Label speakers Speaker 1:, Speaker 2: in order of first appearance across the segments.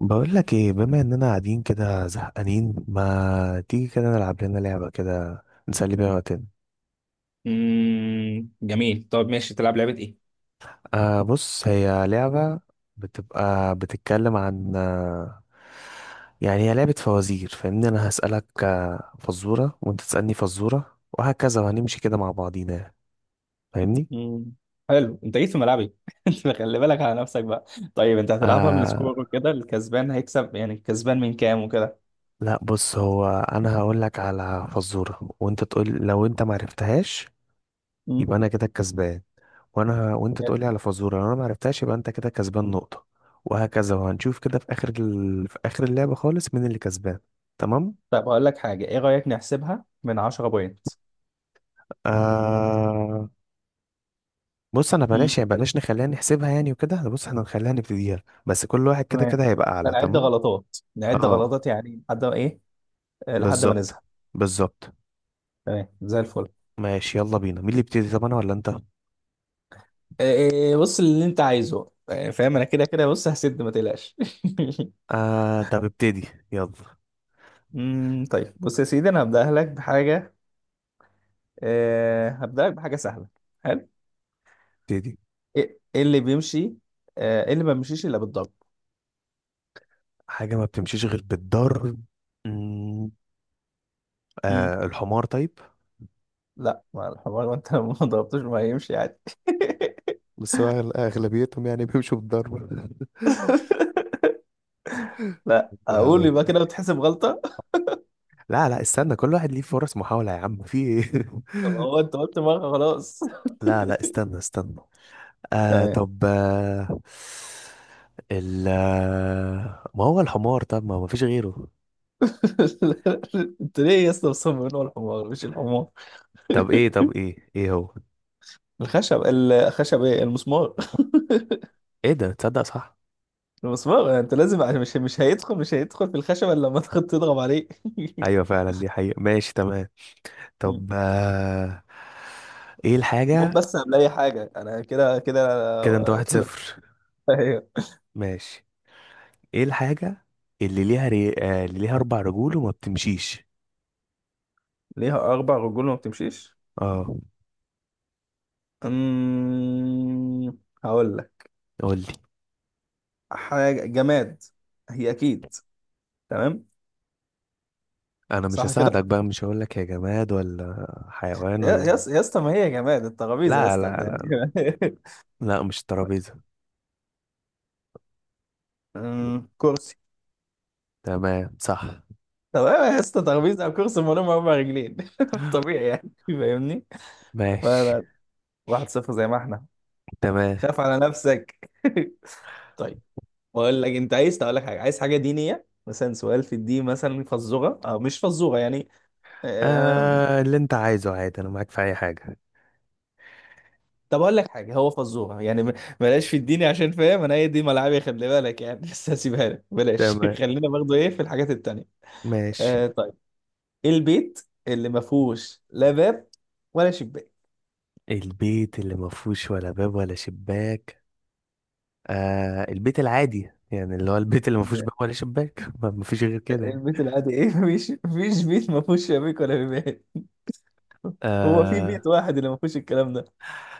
Speaker 1: بقول لك ايه، بما اننا قاعدين كده زهقانين، ما تيجي كده نلعب لنا لعبة كده نسلي بيها وقتنا.
Speaker 2: جميل. طب ماشي، تلعب لعبة ايه؟
Speaker 1: بص، هي لعبة بتبقى بتتكلم عن يعني هي لعبة فوازير، فاهمني؟ انا هسألك فزورة، وانت تسألني فزورة، وهكذا، وهنمشي كده مع بعضينا يعني. فاهمني؟
Speaker 2: امم حلو، انت جيت في ملعبي. انت خلي بالك على نفسك بقى. طيب انت هتلعبها من
Speaker 1: آه
Speaker 2: سكور وكده؟ الكسبان هيكسب، يعني الكسبان من كام وكده؟
Speaker 1: لا، بص، هو انا هقول لك على فزورة وانت تقول، لو انت معرفتهاش
Speaker 2: امم
Speaker 1: يبقى انا كده الكسبان. وانت تقولي على فزوره، لو انا ما عرفتهاش يبقى انت كده كسبان نقطه. وهكذا، وهنشوف كده في في اخر اللعبه خالص مين اللي كسبان. تمام.
Speaker 2: طب هقول لك حاجة، ايه رأيك نحسبها من 10 بوينت؟
Speaker 1: آه... بص، انا
Speaker 2: امم
Speaker 1: بلاش يعني، بلاش نخليها نحسبها يعني وكده. أنا بص احنا نخليها نبتديها بس، كل واحد كده
Speaker 2: تمام.
Speaker 1: كده هيبقى اعلى
Speaker 2: هنعد
Speaker 1: تمام.
Speaker 2: غلطات، نعد
Speaker 1: اه،
Speaker 2: غلطات يعني لحد ما ايه، لحد ما
Speaker 1: بالظبط،
Speaker 2: نزهق.
Speaker 1: بالظبط.
Speaker 2: تمام، زي الفل.
Speaker 1: ماشي يلا بينا، مين اللي يبتدي؟ طب انا ولا انت؟
Speaker 2: آه، بص، اللي انت عايزه، فاهم انا كده كده. بص، هسد ما تقلقش.
Speaker 1: طب ابتدي يلا.
Speaker 2: طيب، بص يا سيدي، انا هبدأ لك بحاجة. هبدأ لك بحاجة سهلة. حلو.
Speaker 1: ابتدي.
Speaker 2: إيه اللي بيمشي؟ إيه اللي ما بيمشيش الا بالضرب؟
Speaker 1: حاجه ما بتمشيش غير بالضرب. مم،
Speaker 2: مم.
Speaker 1: الحمار. طيب.
Speaker 2: لا، ما الحمار، وانت لو ما ضربتوش ما هيمشي عادي.
Speaker 1: بس هو اغلبيتهم يعني بيمشوا بالضربه.
Speaker 2: لا، اقول
Speaker 1: بقول
Speaker 2: يبقى كده بتحسب غلطة.
Speaker 1: لا لا استنى، كل واحد ليه فرص محاوله، يا عم في ايه.
Speaker 2: طب هو انت قلت مرة، خلاص.
Speaker 1: لا لا استنى استنى.
Speaker 2: تمام.
Speaker 1: طب ما هو الحمار. طب ما فيش غيره.
Speaker 2: انت ليه يا اسطى مصمم إن هو الحمار؟ مش الحمار.
Speaker 1: طب ايه هو؟
Speaker 2: الخشب، ايه، المسمار.
Speaker 1: ايه ده، تصدق صح؟
Speaker 2: المسمار انت لازم، مش هيدخل في الخشب الا لما تضرب عليه.
Speaker 1: ايوه فعلا، دي حقيقة، ماشي تمام. طب ايه
Speaker 2: المهم،
Speaker 1: الحاجة.
Speaker 2: بس قبل اي حاجه انا كده كده
Speaker 1: كده انت واحد
Speaker 2: كده.
Speaker 1: صفر.
Speaker 2: ايوه.
Speaker 1: ماشي، ايه الحاجة اللي ليها اللي ليها اربع رجول وما بتمشيش.
Speaker 2: ليها اربع رجول وما بتمشيش.
Speaker 1: اه،
Speaker 2: أمم، هقول لك.
Speaker 1: قول لي.
Speaker 2: حاجه جماد، هي اكيد. تمام
Speaker 1: انا مش
Speaker 2: صح كده.
Speaker 1: هساعدك بقى، مش هقول لك يا جماد ولا حيوان
Speaker 2: يا
Speaker 1: ولا
Speaker 2: يا اسطى،
Speaker 1: إيه.
Speaker 2: يا اسطى، ما هي جماد. الترابيزه يا
Speaker 1: لا
Speaker 2: اسطى
Speaker 1: لا
Speaker 2: ده.
Speaker 1: لا
Speaker 2: يعني.
Speaker 1: لا مش ترابيزة.
Speaker 2: كرسي.
Speaker 1: تمام صح.
Speaker 2: تمام. يا اسطى، ترابيزه او كرسي من غير اربع رجلين. طبيعي يعني، فاهمني؟
Speaker 1: ماشي
Speaker 2: فلا، 1-0 زي ما احنا.
Speaker 1: تمام.
Speaker 2: خاف على نفسك. طيب. بقول لك، انت عايز اقول لك حاجه، عايز حاجه دينيه مثلا، سؤال في الدين مثلا، فزوره او مش فزوره يعني. آم،
Speaker 1: اللي انت عايزه عادي، انا معاك في اي حاجة.
Speaker 2: طب اقول لك حاجه، هو فزوره يعني، بلاش في الديني عشان فاهم انا هي دي ملعبي، خلي بالك يعني. بس هسيبها لك، بلاش.
Speaker 1: تمام،
Speaker 2: خلينا برضه ايه في الحاجات التانيه.
Speaker 1: ماشي.
Speaker 2: طيب. ايه البيت اللي ما فيهوش لا باب ولا شباك؟
Speaker 1: البيت اللي ما فيهوش ولا باب ولا شباك. البيت العادي يعني، اللي هو البيت اللي ما فيهوش
Speaker 2: آه،
Speaker 1: باب ولا شباك. ما فيش غير كده يعني.
Speaker 2: البيت العادي ايه؟ مفيش بيت ما فيهوش شبابيك ولا بيبان. هو في
Speaker 1: آه،
Speaker 2: بيت واحد اللي ما فيهوش الكلام ده.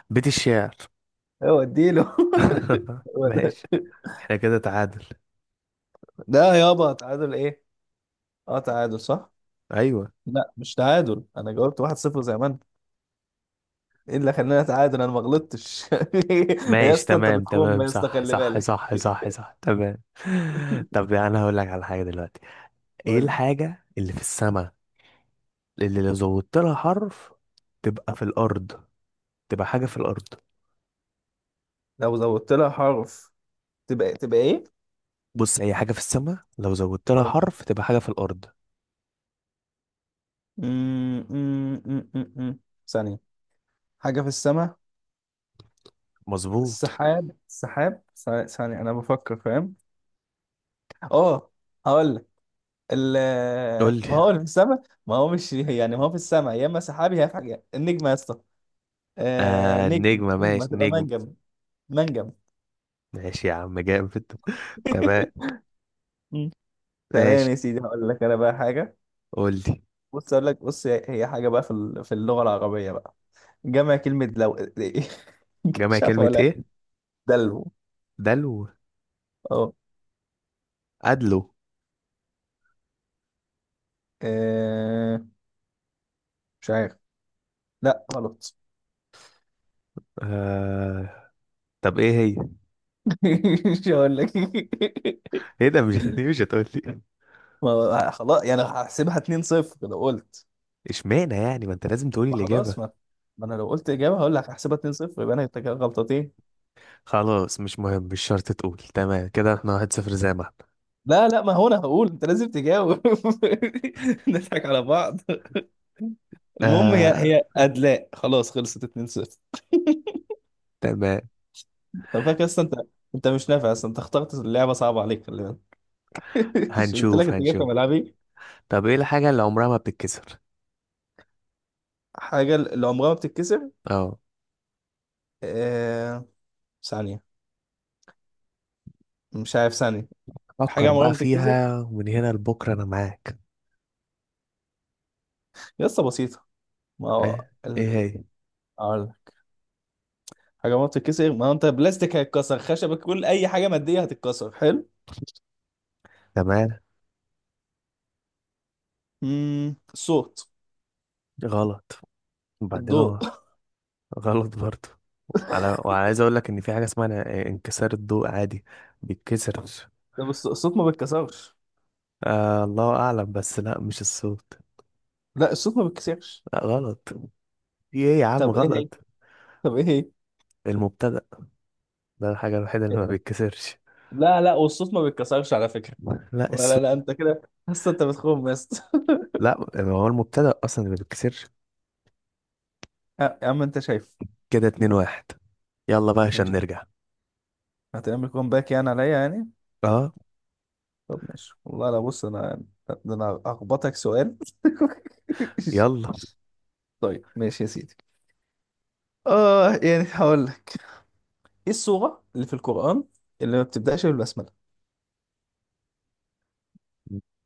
Speaker 1: بيت الشعر.
Speaker 2: هو اديله. هو ده.
Speaker 1: ماشي. احنا كده تعادل.
Speaker 2: ده يابا، تعادل ايه؟ اه تعادل صح؟
Speaker 1: ايوه،
Speaker 2: لا مش تعادل، انا جاوبت 1-0 زي ما انت. ايه اللي خلاني اتعادل؟ انا ما غلطتش. يا
Speaker 1: ماشي
Speaker 2: اسطى انت
Speaker 1: تمام
Speaker 2: بتخم،
Speaker 1: تمام
Speaker 2: يا اسطى
Speaker 1: صح
Speaker 2: خلي
Speaker 1: صح صح
Speaker 2: بالك.
Speaker 1: صح صح تمام. طب انا هقول لك على حاجه دلوقتي. ايه
Speaker 2: قول لي،
Speaker 1: الحاجه اللي في السماء اللي لو زودت لها حرف تبقى في الارض، تبقى حاجه في الارض.
Speaker 2: لو زودت لها حرف تبقى، ايه؟
Speaker 1: بص، هي حاجه في السماء لو زودت لها
Speaker 2: اه.
Speaker 1: حرف تبقى حاجه في الارض.
Speaker 2: أمم، أمم، أمم، أمم. ثانية، حاجة في السماء.
Speaker 1: مظبوط.
Speaker 2: السحاب السحاب، ثانية ثانية، انا بفكر، فاهم؟ اه، هقول لك. ال-
Speaker 1: قول
Speaker 2: ما هو اللي
Speaker 1: لي.
Speaker 2: في السماء، ما هو مش يعني ما هو في السماء يا اما سحاب يا اما حاجة، النجمة يا اسطى.
Speaker 1: آه،
Speaker 2: نجم.
Speaker 1: نجمه،
Speaker 2: نجمة
Speaker 1: ماشي
Speaker 2: تبقى
Speaker 1: نجم.
Speaker 2: منجم. منجم.
Speaker 1: ماشي يا عم جامد، تمام.
Speaker 2: مم. تمام
Speaker 1: ماشي،
Speaker 2: يا سيدي، هقول لك انا بقى حاجه.
Speaker 1: قول لي.
Speaker 2: بص اقول لك، هي حاجه بقى في في اللغه العربيه بقى، جمع كلمه، لو
Speaker 1: جمع
Speaker 2: مش عارف
Speaker 1: كلمه
Speaker 2: ولا.
Speaker 1: ايه؟
Speaker 2: دلو.
Speaker 1: دلو.
Speaker 2: اه.
Speaker 1: ادلو.
Speaker 2: آه، مش عارف. لا غلط.
Speaker 1: آه... طب ايه هي؟
Speaker 2: مش هقول لك.
Speaker 1: ايه ده مش دي مش هتقول لي؟
Speaker 2: ما هو خلاص يعني هحسبها 2-0 لو قلت.
Speaker 1: اشمعنى يعني ما انت لازم تقولي
Speaker 2: ما
Speaker 1: الإجابة.
Speaker 2: خلاص، ما انا لو قلت اجابه هقول لك هحسبها 2-0 يبقى انا كده غلطتين.
Speaker 1: خلاص مش مهم، مش شرط تقول، تمام كده احنا واحد صفر زي ما احنا.
Speaker 2: لا لا، ما هو انا هقول انت لازم تجاوب. نضحك على بعض. المهم، هي
Speaker 1: آه،
Speaker 2: هي ادلاء، خلاص خلصت 2-0.
Speaker 1: تمام.
Speaker 2: خلي بالك اصلا انت، انت مش نافع اصلا. انت اخترت اللعبه صعبه عليك، خلي بالك. مش قلت لك
Speaker 1: هنشوف
Speaker 2: انت جاي في
Speaker 1: هنشوف.
Speaker 2: ملعبي.
Speaker 1: طب ايه الحاجة اللي عمرها ما بتتكسر؟
Speaker 2: حاجه اللي عمرها ما بتتكسر.
Speaker 1: اه،
Speaker 2: آه... ثانيه، مش عارف، ثانيه، حاجه
Speaker 1: فكر
Speaker 2: عمرها
Speaker 1: بقى
Speaker 2: ما بتتكسر.
Speaker 1: فيها ومن هنا لبكرة انا معاك.
Speaker 2: لسه بسيطه. ما هو
Speaker 1: ايه
Speaker 2: ال...
Speaker 1: هي؟
Speaker 2: أقول لك. حاجه عمرها ما بتتكسر، ما هو انت بلاستيك هيتكسر، خشبك، كل اي حاجه ماديه هتتكسر، حلو.
Speaker 1: تمام.
Speaker 2: الصوت.
Speaker 1: غلط. وبعدين
Speaker 2: الضوء.
Speaker 1: هو؟ غلط برضه. على، وعايز اقول لك ان في حاجة اسمها انكسار الضوء عادي، بيتكسر.
Speaker 2: طب الصوت ما بيتكسرش.
Speaker 1: آه الله اعلم، بس لا مش الصوت.
Speaker 2: لا الصوت ما بيتكسرش.
Speaker 1: لا غلط. في ايه يا عم
Speaker 2: طب ايه هي؟
Speaker 1: غلط؟
Speaker 2: طب ايه هي؟
Speaker 1: المبتدأ. ده الحاجة الوحيدة اللي ما بيتكسرش.
Speaker 2: لا لا، والصوت ما بيتكسرش على فكرة.
Speaker 1: لا السو...
Speaker 2: ولا لا انت كده، بس انت بتخون بس.
Speaker 1: لا ما هو المبتدأ أصلا اللي ما بيتكسرش.
Speaker 2: يا عم انت شايف.
Speaker 1: كده اتنين واحد. يلا بقى عشان
Speaker 2: ماشي،
Speaker 1: نرجع.
Speaker 2: هتعمل كومباك يعني عليا يعني؟
Speaker 1: اه
Speaker 2: طب ماشي والله. لا بص انا، ده انا اخبطك سؤال.
Speaker 1: يلا.
Speaker 2: طيب ماشي يا سيدي. اه، يعني هقول لك، ايه السورة اللي في القرآن اللي ما بتبدأش بالبسملة؟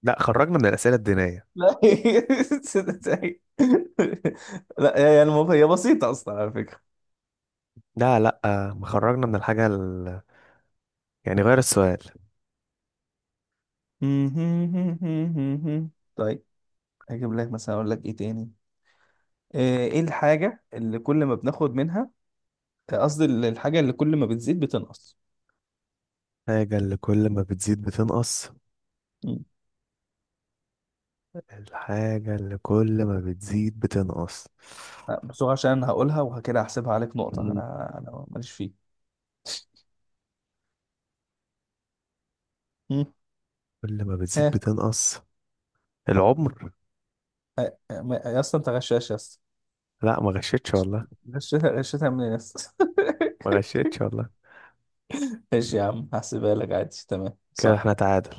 Speaker 1: لا خرجنا من الأسئلة الدينية.
Speaker 2: لا. لا يعني هي بسيطة اصلا على فكرة.
Speaker 1: لا لا، ما خرجنا من الحاجة يعني غير السؤال.
Speaker 2: طيب، هجيب لك مثلا، اقول لك ايه تاني. ايه الحاجة اللي كل ما بناخد منها، قصدي الحاجة اللي كل ما بتزيد بتنقص؟
Speaker 1: الحاجة اللي كل ما بتزيد بتنقص.
Speaker 2: مم.
Speaker 1: الحاجة اللي كل ما بتزيد بتنقص.
Speaker 2: بسرعة عشان انا هقولها وكده هحسبها عليك نقطة.
Speaker 1: مم.
Speaker 2: انا ماليش فيه. مم.
Speaker 1: كل ما بتزيد
Speaker 2: ها.
Speaker 1: بتنقص. العمر.
Speaker 2: يا اسطى انت غشاش يا اسطى.
Speaker 1: لا ما غشيتش
Speaker 2: غش-
Speaker 1: والله،
Speaker 2: غشيتها منين يا اسطى؟
Speaker 1: ما غشيتش والله.
Speaker 2: ماشي يا عم، هحسبها لك عادي، تمام
Speaker 1: كده احنا
Speaker 2: صح.
Speaker 1: تعادل.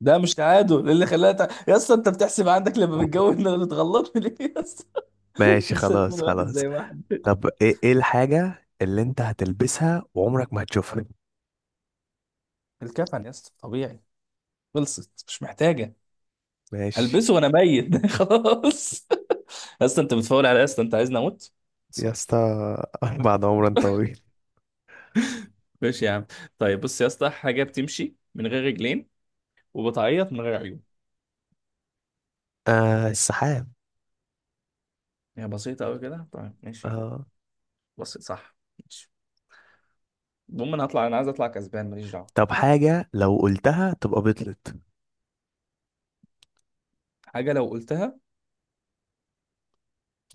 Speaker 2: ده مش تعادل، إيه اللي خلاها يا اسطى انت بتحسب عندك لما بتجوز انك بتغلط ليه يا اسطى؟
Speaker 1: ماشي
Speaker 2: لسه اتنين
Speaker 1: خلاص
Speaker 2: واحد
Speaker 1: خلاص.
Speaker 2: زي واحد.
Speaker 1: طب ايه الحاجة اللي انت هتلبسها وعمرك ما هتشوفها؟
Speaker 2: الكفن يا اسطى طبيعي، خلصت مش محتاجة.
Speaker 1: ماشي
Speaker 2: هلبسه وانا ميت. خلاص. يا اسطى انت بتفاول على، يا اسطى انت عايزني اموت؟
Speaker 1: يا
Speaker 2: صح.
Speaker 1: اسطى. بعد عمر طويل.
Speaker 2: ماشي يا عم. طيب بص يا اسطى، حاجه بتمشي من غير رجلين وبتعيط من غير عيون.
Speaker 1: آه السحاب.
Speaker 2: هي بسيطه قوي كده. طيب ماشي يا عم.
Speaker 1: آه،
Speaker 2: بسيط صح. ماشي. المهم انا هطلع، انا عايز اطلع كسبان ماليش دعوه.
Speaker 1: طب حاجة لو قلتها تبقى بطلت،
Speaker 2: حاجه لو قلتها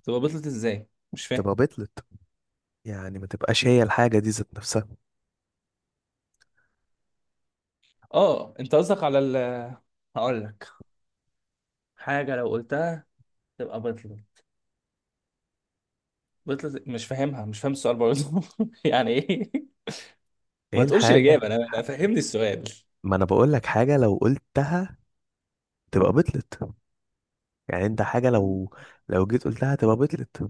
Speaker 2: تبقى بطلت، ازاي؟ مش فاهم.
Speaker 1: تبقى بطلت يعني ما تبقاش هي الحاجة دي ذات نفسها.
Speaker 2: اه، انت قصدك على ال. هقول لك، حاجه لو قلتها تبقى بطلت. بطلت مش فاهمها، مش فاهم السؤال برضه. يعني ايه؟
Speaker 1: ايه
Speaker 2: ما تقولش الاجابه،
Speaker 1: الحاجة
Speaker 2: أنا فهمني السؤال.
Speaker 1: ما انا بقول لك حاجة لو قلتها تبقى بطلت، يعني انت حاجة لو، لو جيت قلتها تبقى بطلت.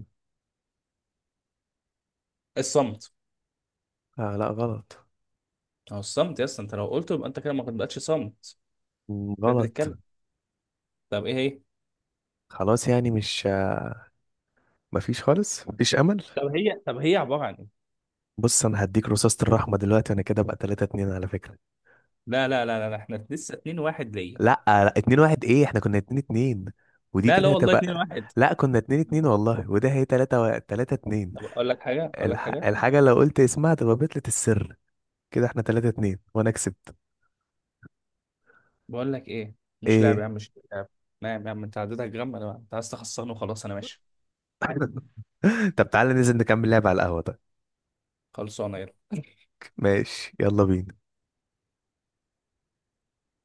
Speaker 2: الصمت.
Speaker 1: آه لا غلط.
Speaker 2: اهو الصمت يا اسطى، انت لو قلته يبقى انت كده ما بقتش صمت،
Speaker 1: مم،
Speaker 2: بقيت
Speaker 1: غلط.
Speaker 2: بتتكلم. طب ايه هي؟
Speaker 1: خلاص يعني مش مفيش خالص مفيش امل.
Speaker 2: طب هي عبارة عن ايه؟
Speaker 1: بص انا هديك رصاصة الرحمة دلوقتي، انا كده بقى 3 2 على فكرة.
Speaker 2: لا لا لا لا لا، احنا لسه 2-1 ليا.
Speaker 1: لا لا 2 1. ايه احنا كنا 2 2 ودي
Speaker 2: لا لا
Speaker 1: كده
Speaker 2: والله 2
Speaker 1: هتبقى.
Speaker 2: 1
Speaker 1: لا كنا 2 2 والله، وده هي 3 3 2.
Speaker 2: طب اقول لك حاجه،
Speaker 1: الحاجة لو قلت اسمها تبقى بطلة السر. كده احنا 3 2 وانا كسبت.
Speaker 2: بقول لك ايه، مش لعب يا
Speaker 1: ايه.
Speaker 2: عم، مش لعب. نعم يا عم انت عديتك جرام. انا، انت عايز تخسرني وخلاص، انا ماشي.
Speaker 1: طب تعالى ننزل نكمل لعب على القهوة. طيب
Speaker 2: خلصانه يلا.
Speaker 1: ماشي يلا بينا.